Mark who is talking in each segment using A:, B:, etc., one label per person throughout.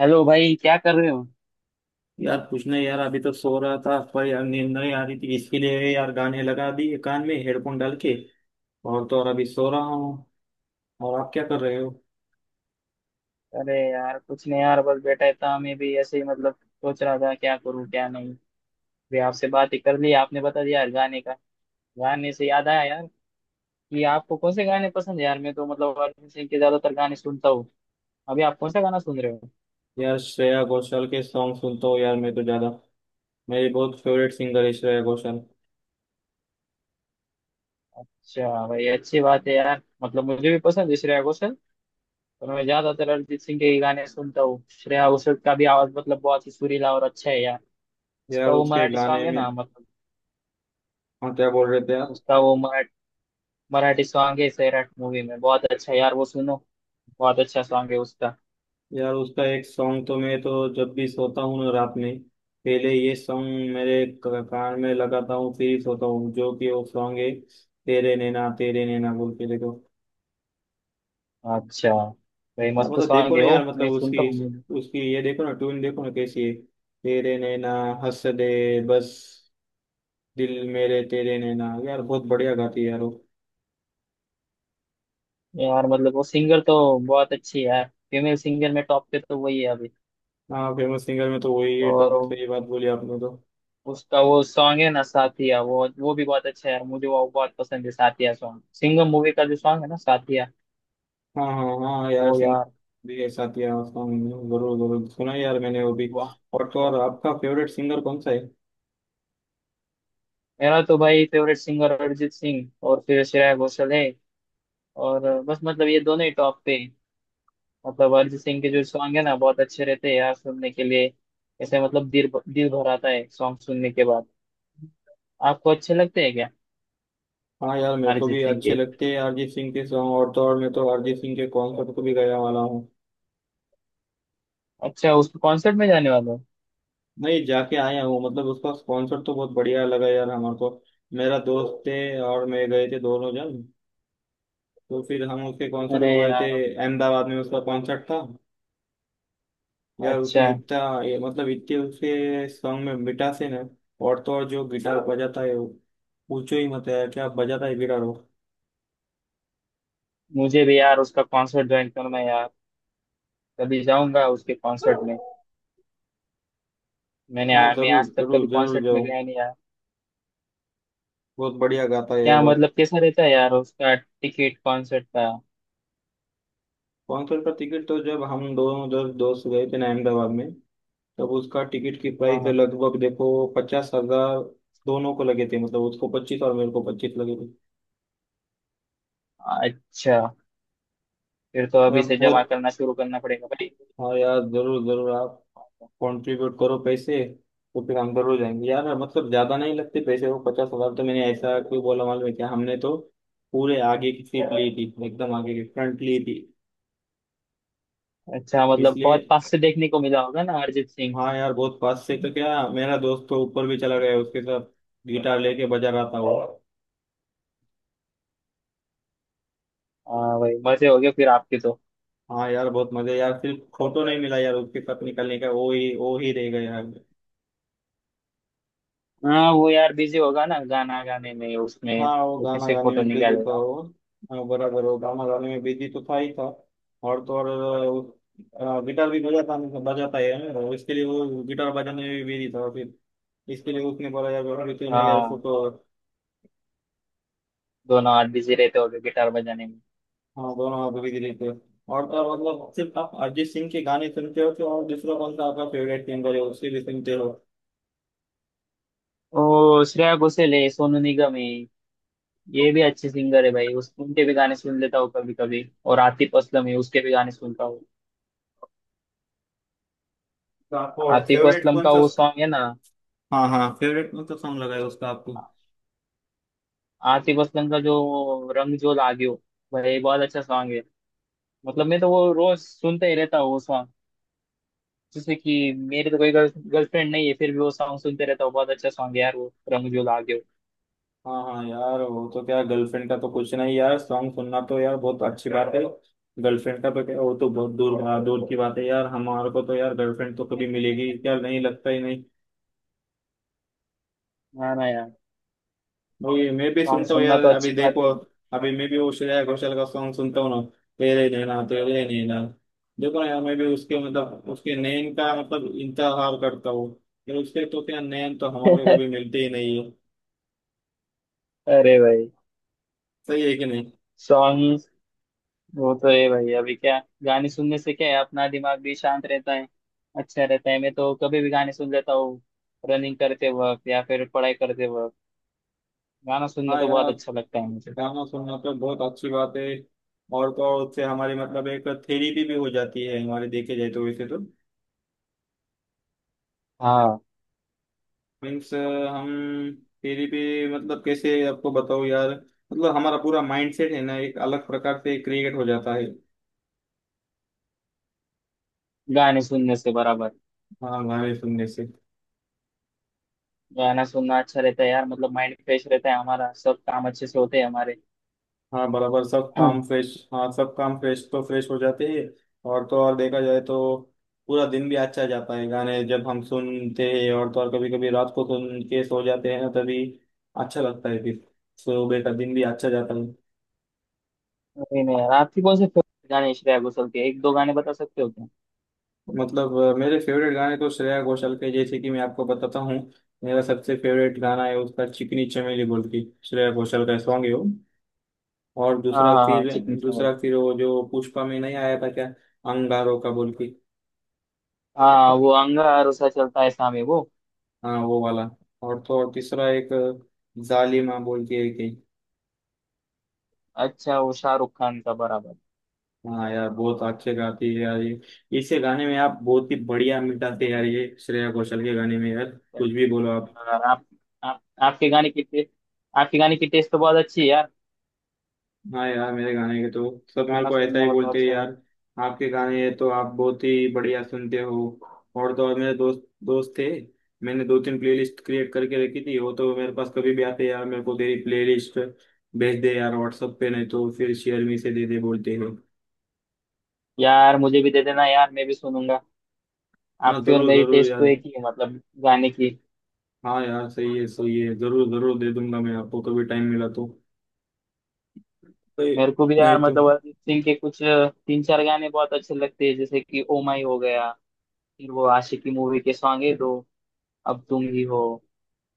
A: Hello भाई, क्या कर रहे हो?
B: यार कुछ नहीं यार, अभी तो सो रहा था पर यार नींद नहीं आ रही थी। इसके लिए यार गाने लगा दिए कान में हेडफोन डाल के। और तो और अभी सो रहा हूँ। और आप क्या कर रहे हो?
A: अरे यार कुछ नहीं यार, बस बैठा ही था। मैं भी ऐसे ही मतलब सोच रहा था क्या करूं क्या नहीं भी। आपसे बात ही कर ली, आपने बता दिया यार गाने का। गाने से याद आया यार कि आपको कौन से गाने पसंद है यार। मैं तो मतलब अरिजीत सिंह के ज्यादातर गाने सुनता हूँ। अभी आप कौन सा गाना सुन रहे हो?
B: यार श्रेया घोषाल के सॉन्ग सुनता हूँ यार मैं तो ज्यादा। मेरी बहुत फेवरेट सिंगर है श्रेया घोषाल।
A: अच्छा भाई, अच्छी बात है यार। मतलब मुझे भी पसंद है श्रेया घोषाल। पर मैं ज्यादातर अरिजीत सिंह के ही गाने सुनता हूँ। श्रेया घोषाल का भी आवाज मतलब बहुत ही सुरीला और अच्छा है यार। उसका
B: यार
A: वो
B: उसके
A: मराठी
B: गाने
A: सॉन्ग है
B: में,
A: ना मतलब।
B: हाँ क्या बोल रहे थे आप?
A: उसका वो मराठी सॉन्ग है सैराट मूवी में, बहुत अच्छा यार वो सुनो। बहुत अच्छा सॉन्ग है उसका।
B: यार उसका एक सॉन्ग तो मैं तो जब भी सोता हूँ ना रात में, पहले ये सॉन्ग मेरे कान में लगाता हूँ फिर ही सोता हूँ, जो कि वो सॉन्ग है तेरे नैना बोल के, देखो।
A: अच्छा भाई,
B: यार
A: मस्त
B: मतलब देखो
A: सॉन्ग है
B: ना,
A: वो,
B: यार मतलब
A: मैं सुनता
B: उसकी
A: हूँ।
B: उसकी ये देखो ना ट्यून, देखो ना कैसी है। तेरे नैना हंस दे बस दिल मेरे तेरे नैना। यार बहुत बढ़िया गाती है यार वो।
A: यार मतलब वो सिंगर तो बहुत अच्छी है यार। फीमेल सिंगर में टॉप पे तो वही है अभी।
B: हाँ फेमस सिंगर में तो वही है टॉप,
A: और
B: सही बात बोली आपने तो।
A: उसका वो सॉन्ग है ना साथिया, वो भी बहुत अच्छा है यार। मुझे वो बहुत पसंद है, साथिया सॉन्ग सिंगम मूवी का जो सॉन्ग है ना, साथिया।
B: हाँ हाँ हाँ यार,
A: वो
B: सिंगर
A: यार,
B: भी ऐसा किया उसका, मैंने जरूर जरूर सुना है यार मैंने वो भी।
A: वाह।
B: और तो
A: वाह।
B: और आपका फेवरेट सिंगर कौन सा है?
A: मेरा तो भाई फेवरेट सिंगर अरिजीत सिंह और फिर श्रेया घोषाल है। और बस मतलब ये दोनों ही टॉप पे। मतलब अरिजीत सिंह के जो सॉन्ग है ना, बहुत अच्छे रहते हैं यार सुनने के लिए। ऐसे मतलब दिल दिल भर आता है सॉन्ग सुनने के बाद। आपको अच्छे लगते हैं क्या?
B: हाँ यार मेरे को
A: अरिजीत
B: भी
A: सिंह
B: अच्छे
A: के।
B: लगते हैं अरिजीत सिंह के सॉन्ग, और तो और मैं तो अरिजीत सिंह के कॉन्सर्ट को भी गया वाला हूँ।
A: अच्छा, उसके कॉन्सर्ट में जाने वाले हो?
B: नहीं, जाके आया हूँ। मतलब उसका स्पॉन्सर तो बहुत बढ़िया लगा यार हमारे को। मेरा दोस्त थे और मैं गए थे दोनों जन, तो फिर हम उसके कॉन्सर्ट
A: अरे
B: को गए थे।
A: यार,
B: अहमदाबाद में उसका कॉन्सर्ट था। यार उसने
A: अच्छा।
B: इतना, ये मतलब इतने उसके सॉन्ग में मिठास है ना। और तो और जो गिटार बजाता है वो, पूछो ही मत है क्या बजाता है गिटार वो।
A: मुझे भी यार उसका कॉन्सर्ट ज्वाइन करना है यार। कभी जाऊंगा उसके कॉन्सर्ट में।
B: हाँ
A: मैं
B: जरूर
A: आज तक कभी
B: जरूर जरूर
A: कॉन्सर्ट में
B: जाओ,
A: गया नहीं यार।
B: बहुत बढ़िया गाता है यार
A: क्या
B: वो।
A: मतलब कैसा रहता है यार उसका टिकट कॉन्सर्ट का?
B: कॉन्सर्ट का टिकट तो जब हम दोनों दोस्त दोस्त गए थे ना अहमदाबाद में, तब उसका टिकट की
A: हाँ,
B: प्राइस
A: हाँ।
B: लगभग देखो 50,000। दोनों को लगे थे, मतलब उसको 25 और मेरे को 25 लगे थे।
A: अच्छा, फिर तो
B: मैं
A: अभी से जमा
B: बहुत,
A: करना शुरू करना पड़ेगा भाई।
B: हाँ यार जरूर जरूर आप कंट्रीब्यूट करो पैसे, तो फिर हम जरूर जाएंगे यार। मतलब ज्यादा नहीं लगते पैसे वो 50,000, तो मैंने ऐसा क्यों बोला मालूम है क्या? हमने तो पूरे आगे की सीट ली थी, एकदम आगे की फ्रंट ली थी
A: अच्छा, मतलब
B: इसलिए।
A: बहुत पास से देखने को मिला होगा ना अरिजीत सिंह।
B: हाँ यार बहुत पास से, तो क्या मेरा दोस्त तो ऊपर भी चला गया उसके साथ, गिटार लेके बजा रहा था वो।
A: हाँ भाई, मजे हो गए फिर आपके तो।
B: हाँ यार बहुत मजे यार, सिर्फ फोटो नहीं मिला यार उसके साथ निकलने का, वो ही रह गया यार।
A: हाँ वो यार बिजी होगा ना गाना गाने में उसमें।
B: हाँ वो
A: वो
B: गाना
A: कैसे
B: गाने
A: फोटो
B: में बिजी था
A: निकालेगा।
B: वो। हाँ, बराबर वो गाना गाने में बिजी तो था ही था। और तो और गिटार भी बजाता बजाता है, और इसके लिए वो गिटार बजाने में भी बिजी था फिर, इसके लिए उसने बोला यार अभी क्यों नहीं यार
A: हाँ,
B: फोटो।
A: दोनों हाथ बिजी रहते होंगे गिटार बजाने में।
B: हाँ दोनों आप बिजी रहते हो। और तो और मतलब सिर्फ आप अरिजीत सिंह के गाने सुनते हो, तो और दूसरा कौन सा आपका फेवरेट सिंगर है उसके लिए सुनते हो?
A: ओ, श्रेया घोषाल है, सोनू निगम है। ये भी अच्छे सिंगर है भाई, उस उनके भी गाने सुन लेता हूँ कभी कभी। और आतिफ असलम है, उसके भी गाने सुनता हूँ।
B: तो आपको
A: आतिफ
B: फेवरेट
A: असलम
B: कौन
A: का
B: सा?
A: वो सॉन्ग है ना,
B: हाँ हाँ, फेवरेट मतलब सॉन्ग लगाया उसका आपको।
A: आतिफ असलम का जो रंग जो लागियो, भाई बहुत अच्छा सॉन्ग है। मतलब मैं तो वो रोज सुनते ही रहता हूँ वो सॉन्ग। जैसे कि मेरे तो कोई गर्लफ्रेंड नहीं है, फिर भी वो सॉन्ग सुनते रहता हूँ। बहुत अच्छा सॉन्ग है यार वो रंग जो लागे।
B: हाँ हाँ यार, वो तो क्या, गर्लफ्रेंड का तो कुछ नहीं यार, सॉन्ग सुनना तो यार बहुत अच्छी बात है। गर्लफ्रेंड का तो क्या, वो तो बहुत दूर, हाँ, दूर की बात है यार, हमारे को तो यार गर्लफ्रेंड तो कभी मिलेगी क्या, नहीं लगता ही नहीं।
A: ना ना यार,
B: वो ये मैं भी
A: सॉन्ग
B: सुनता हूँ
A: सुनना
B: यार,
A: तो
B: अभी
A: अच्छी बात
B: देखो, अभी मैं भी वो श्रेया घोषाल का सॉन्ग सुनता हूँ ना, तेरे नैना तेरे नैना। देखो ना यार, मैं भी उसके मतलब उसके नैन का मतलब इंतजार करता हूँ। यार उसके तो क्या, नैन तो हमारे को
A: है।
B: कभी मिलते ही नहीं है।
A: अरे भाई,
B: सही है कि नहीं?
A: सॉन्ग वो तो है भाई। अभी क्या, गाने सुनने से क्या है, अपना दिमाग भी शांत रहता है, अच्छा रहता है। मैं तो कभी भी गाने सुन लेता हूँ, रनिंग करते वक्त या फिर पढ़ाई करते वक्त। गाना सुनने
B: हाँ
A: तो बहुत
B: यार
A: अच्छा लगता है मुझे।
B: गाना सुनना तो बहुत अच्छी बात है। और तो और उससे हमारी मतलब एक थेरेपी भी हो जाती है, हमारे देखे जाए तो वैसे तो।
A: हाँ,
B: मीन्स हम थेरेपी, मतलब कैसे आपको बताओ यार, मतलब हमारा पूरा माइंडसेट है ना एक अलग प्रकार से क्रिएट हो जाता है।
A: गाने सुनने से बराबर।
B: हाँ गाने सुनने से।
A: गाना सुनना अच्छा रहता है यार, मतलब माइंड फ्रेश रहता है हमारा, सब काम अच्छे से होते हैं हमारे।
B: हाँ बराबर सब काम फ्रेश, हाँ सब काम फ्रेश तो फ्रेश हो जाते हैं। और तो और देखा जाए तो पूरा दिन भी अच्छा जाता है गाने जब हम सुनते हैं, और तो और कभी कभी रात को सुन के सो जाते हैं ना तभी, अच्छा लगता है फिर सुबह का दिन भी अच्छा जाता है।
A: नहीं नहीं यार, आपकी कौन से favorite गाने हैं श्रेया घोषाल के, एक दो गाने बता सकते हो क्या?
B: मतलब मेरे फेवरेट गाने तो श्रेया घोषाल के, जैसे कि मैं आपको बताता हूँ। मेरा सबसे फेवरेट गाना है उसका चिकनी चमेली बोल के, श्रेया घोषाल का सॉन्ग है वो। और
A: हाँ
B: दूसरा
A: हाँ हाँ,
B: फिर,
A: चिकनी
B: दूसरा
A: चैनल।
B: फिर वो जो पुष्पा में नहीं आया था क्या, अंगारों का बोल के।
A: हाँ, वो अंगा अरसा चलता है सामे वो।
B: हाँ वो वाला। और तो और तीसरा एक जालिमा बोल के एक है।
A: अच्छा, वो शाहरुख खान का, बराबर।
B: हाँ यार बहुत अच्छे गाती है यार ये। इसके गाने में आप बहुत ही बढ़िया मिटाते हैं यार, ये श्रेया घोषाल के गाने में यार, कुछ भी बोलो आप।
A: यार आप, आप, आपके गाने की टेस्ट, आपके गाने की टेस्ट तो बहुत अच्छी है यार।
B: हाँ यार मेरे गाने के तो सब मेरे
A: गाना
B: को ऐसा
A: सुनना
B: ही
A: मतलब
B: बोलते हैं
A: अच्छा है।
B: यार, आपके गाने, ये तो आप बहुत ही बढ़िया सुनते हो। और तो और मेरे दोस्त दोस्त थे, मैंने दो तीन प्लेलिस्ट क्रिएट करके रखी थी, वो तो मेरे पास कभी भी आते हैं यार, मेरे को तेरी प्लेलिस्ट भेज दे यार व्हाट्सएप पे, नहीं तो फिर शेयर मी से दे दे बोलते हैं।
A: यार मुझे भी दे देना यार, मैं भी सुनूंगा।
B: हाँ
A: आपकी और
B: जरूर
A: मेरी
B: जरूर
A: टेस्ट तो
B: यार।
A: एक ही है मतलब, गाने की।
B: हाँ यार सही है सही है, जरूर जरूर दे दूंगा मैं आपको कभी टाइम मिला तो। तो ये,
A: मेरे को भी
B: नहीं
A: यार
B: तो
A: मतलब अरिजीत सिंह के कुछ तीन चार गाने बहुत अच्छे लगते हैं, जैसे कि ओ माई हो गया। फिर वो आशिकी मूवी के सॉन्ग है दो, अब तुम ही हो।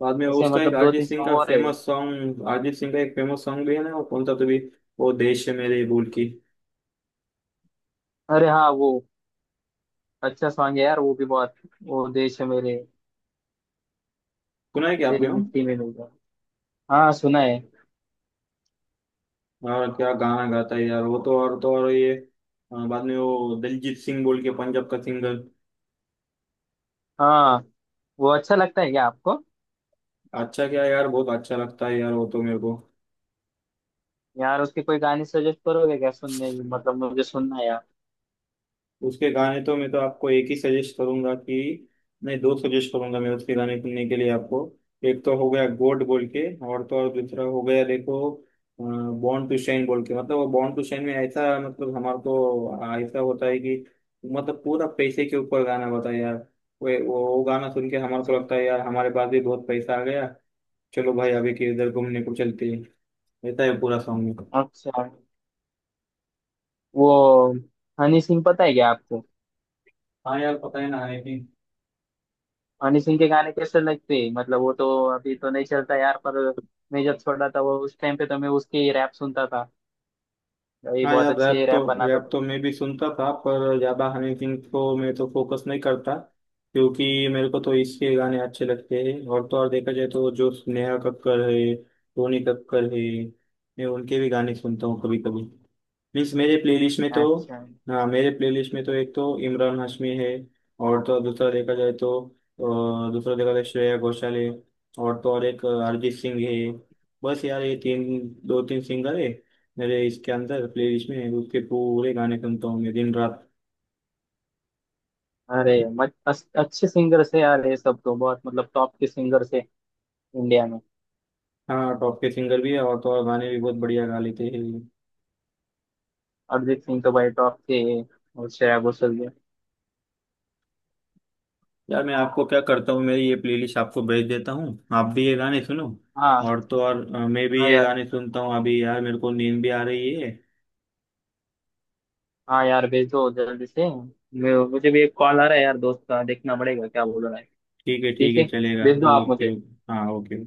B: बाद में
A: ऐसे
B: उसका एक
A: मतलब दो
B: अरिजीत
A: तीन
B: सिंह
A: सॉन्ग
B: का
A: और है।
B: फेमस सॉन्ग, अरिजीत सिंह का एक फेमस सॉन्ग भी है ना, वो कौन सा तो भी, वो देश है मेरे बोल की।
A: अरे हाँ वो, अच्छा सॉन्ग है यार वो भी बहुत, वो देश है मेरे,
B: सुना है क्या
A: तेरी
B: आपने वो?
A: मिट्टी में मिल गया। हाँ, सुना है।
B: और क्या गाना गाता है यार वो, तो और ये। हाँ, बाद में वो दलजीत सिंह बोल के पंजाब का सिंगर।
A: हाँ वो अच्छा लगता है क्या आपको?
B: अच्छा क्या यार, बहुत अच्छा लगता है यार वो तो मेरे को।
A: यार उसके कोई गाने सजेस्ट करोगे क्या सुनने की? मतलब मुझे सुनना है यार।
B: उसके गाने तो मैं तो आपको एक ही सजेस्ट करूंगा, कि नहीं दो सजेस्ट करूंगा मैं उसके गाने सुनने के लिए आपको। एक तो हो गया गोड बोल के, और तो और दूसरा हो गया देखो बॉर्न टू शाइन बोल के। मतलब वो बॉर्न टू शाइन में ऐसा मतलब हमारे को ऐसा होता है कि मतलब पूरा पैसे के ऊपर गाना होता है यार। वो गाना सुन के हमारे को
A: अच्छा,
B: लगता है यार हमारे पास भी बहुत पैसा आ गया, चलो भाई अभी के इधर घूमने को चलते हैं, ऐसा है पूरा सॉन्ग में।
A: अच्छा। वो हनी सिंह पता है क्या आपको?
B: हाँ यार पता है ना है कि।
A: हनी सिंह के गाने कैसे लगते हैं? मतलब वो तो अभी तो नहीं चलता यार, पर मैं जब छोटा था, वो उस टाइम पे तो मैं उसके रैप सुनता था। ये
B: हाँ
A: बहुत
B: यार
A: अच्छे
B: रैप तो,
A: रैप बनाता
B: रैप
A: था।
B: तो मैं भी सुनता था, पर ज्यादा हनी सिंह को मैं तो फोकस नहीं करता, क्योंकि मेरे को तो इसके गाने अच्छे लगते हैं। और तो और देखा जाए तो जो नेहा कक्कड़ है, रोनी कक्कड़ है, मैं उनके भी गाने सुनता हूँ कभी कभी। प्लीज मेरे प्लेलिस्ट में तो,
A: अच्छा।
B: हाँ मेरे प्लेलिस्ट में तो एक तो इमरान हाशमी है, और तो दूसरा देखा जाए तो दूसरा देखा जाए श्रेया घोषाल है, और तो और एक अरिजीत सिंह है। बस यार ये तीन, दो तीन सिंगर है मेरे, इसके अंदर प्लेलिस्ट में उसके पूरे गाने सुनता हूँ मैं दिन रात।
A: अरे, मत अस- अच्छे सिंगर से यार, ये सब तो बहुत मतलब टॉप के सिंगर से इंडिया में।
B: हाँ टॉप के सिंगर भी है, और तो और गाने भी बहुत बढ़िया गा लेते हैं।
A: अरिजीत सिंह तो भाई टॉप के हैं, और श्रेया घोषाल भी।
B: यार मैं आपको क्या करता हूँ, मेरी ये प्लेलिस्ट आपको भेज देता हूँ, आप भी ये गाने सुनो।
A: हाँ
B: और तो और मैं भी
A: हाँ
B: ये
A: यार।
B: गाने सुनता हूँ अभी, यार मेरे को नींद भी आ रही है।
A: हाँ यार, भेज दो जल्दी से। मुझे भी एक कॉल आ रहा है यार दोस्त का, देखना पड़ेगा क्या बोल रहा है।
B: ठीक है ठीक
A: ठीक
B: है
A: है,
B: चलेगा।
A: भेज दो आप
B: ओके।
A: मुझे।
B: हाँ ओके।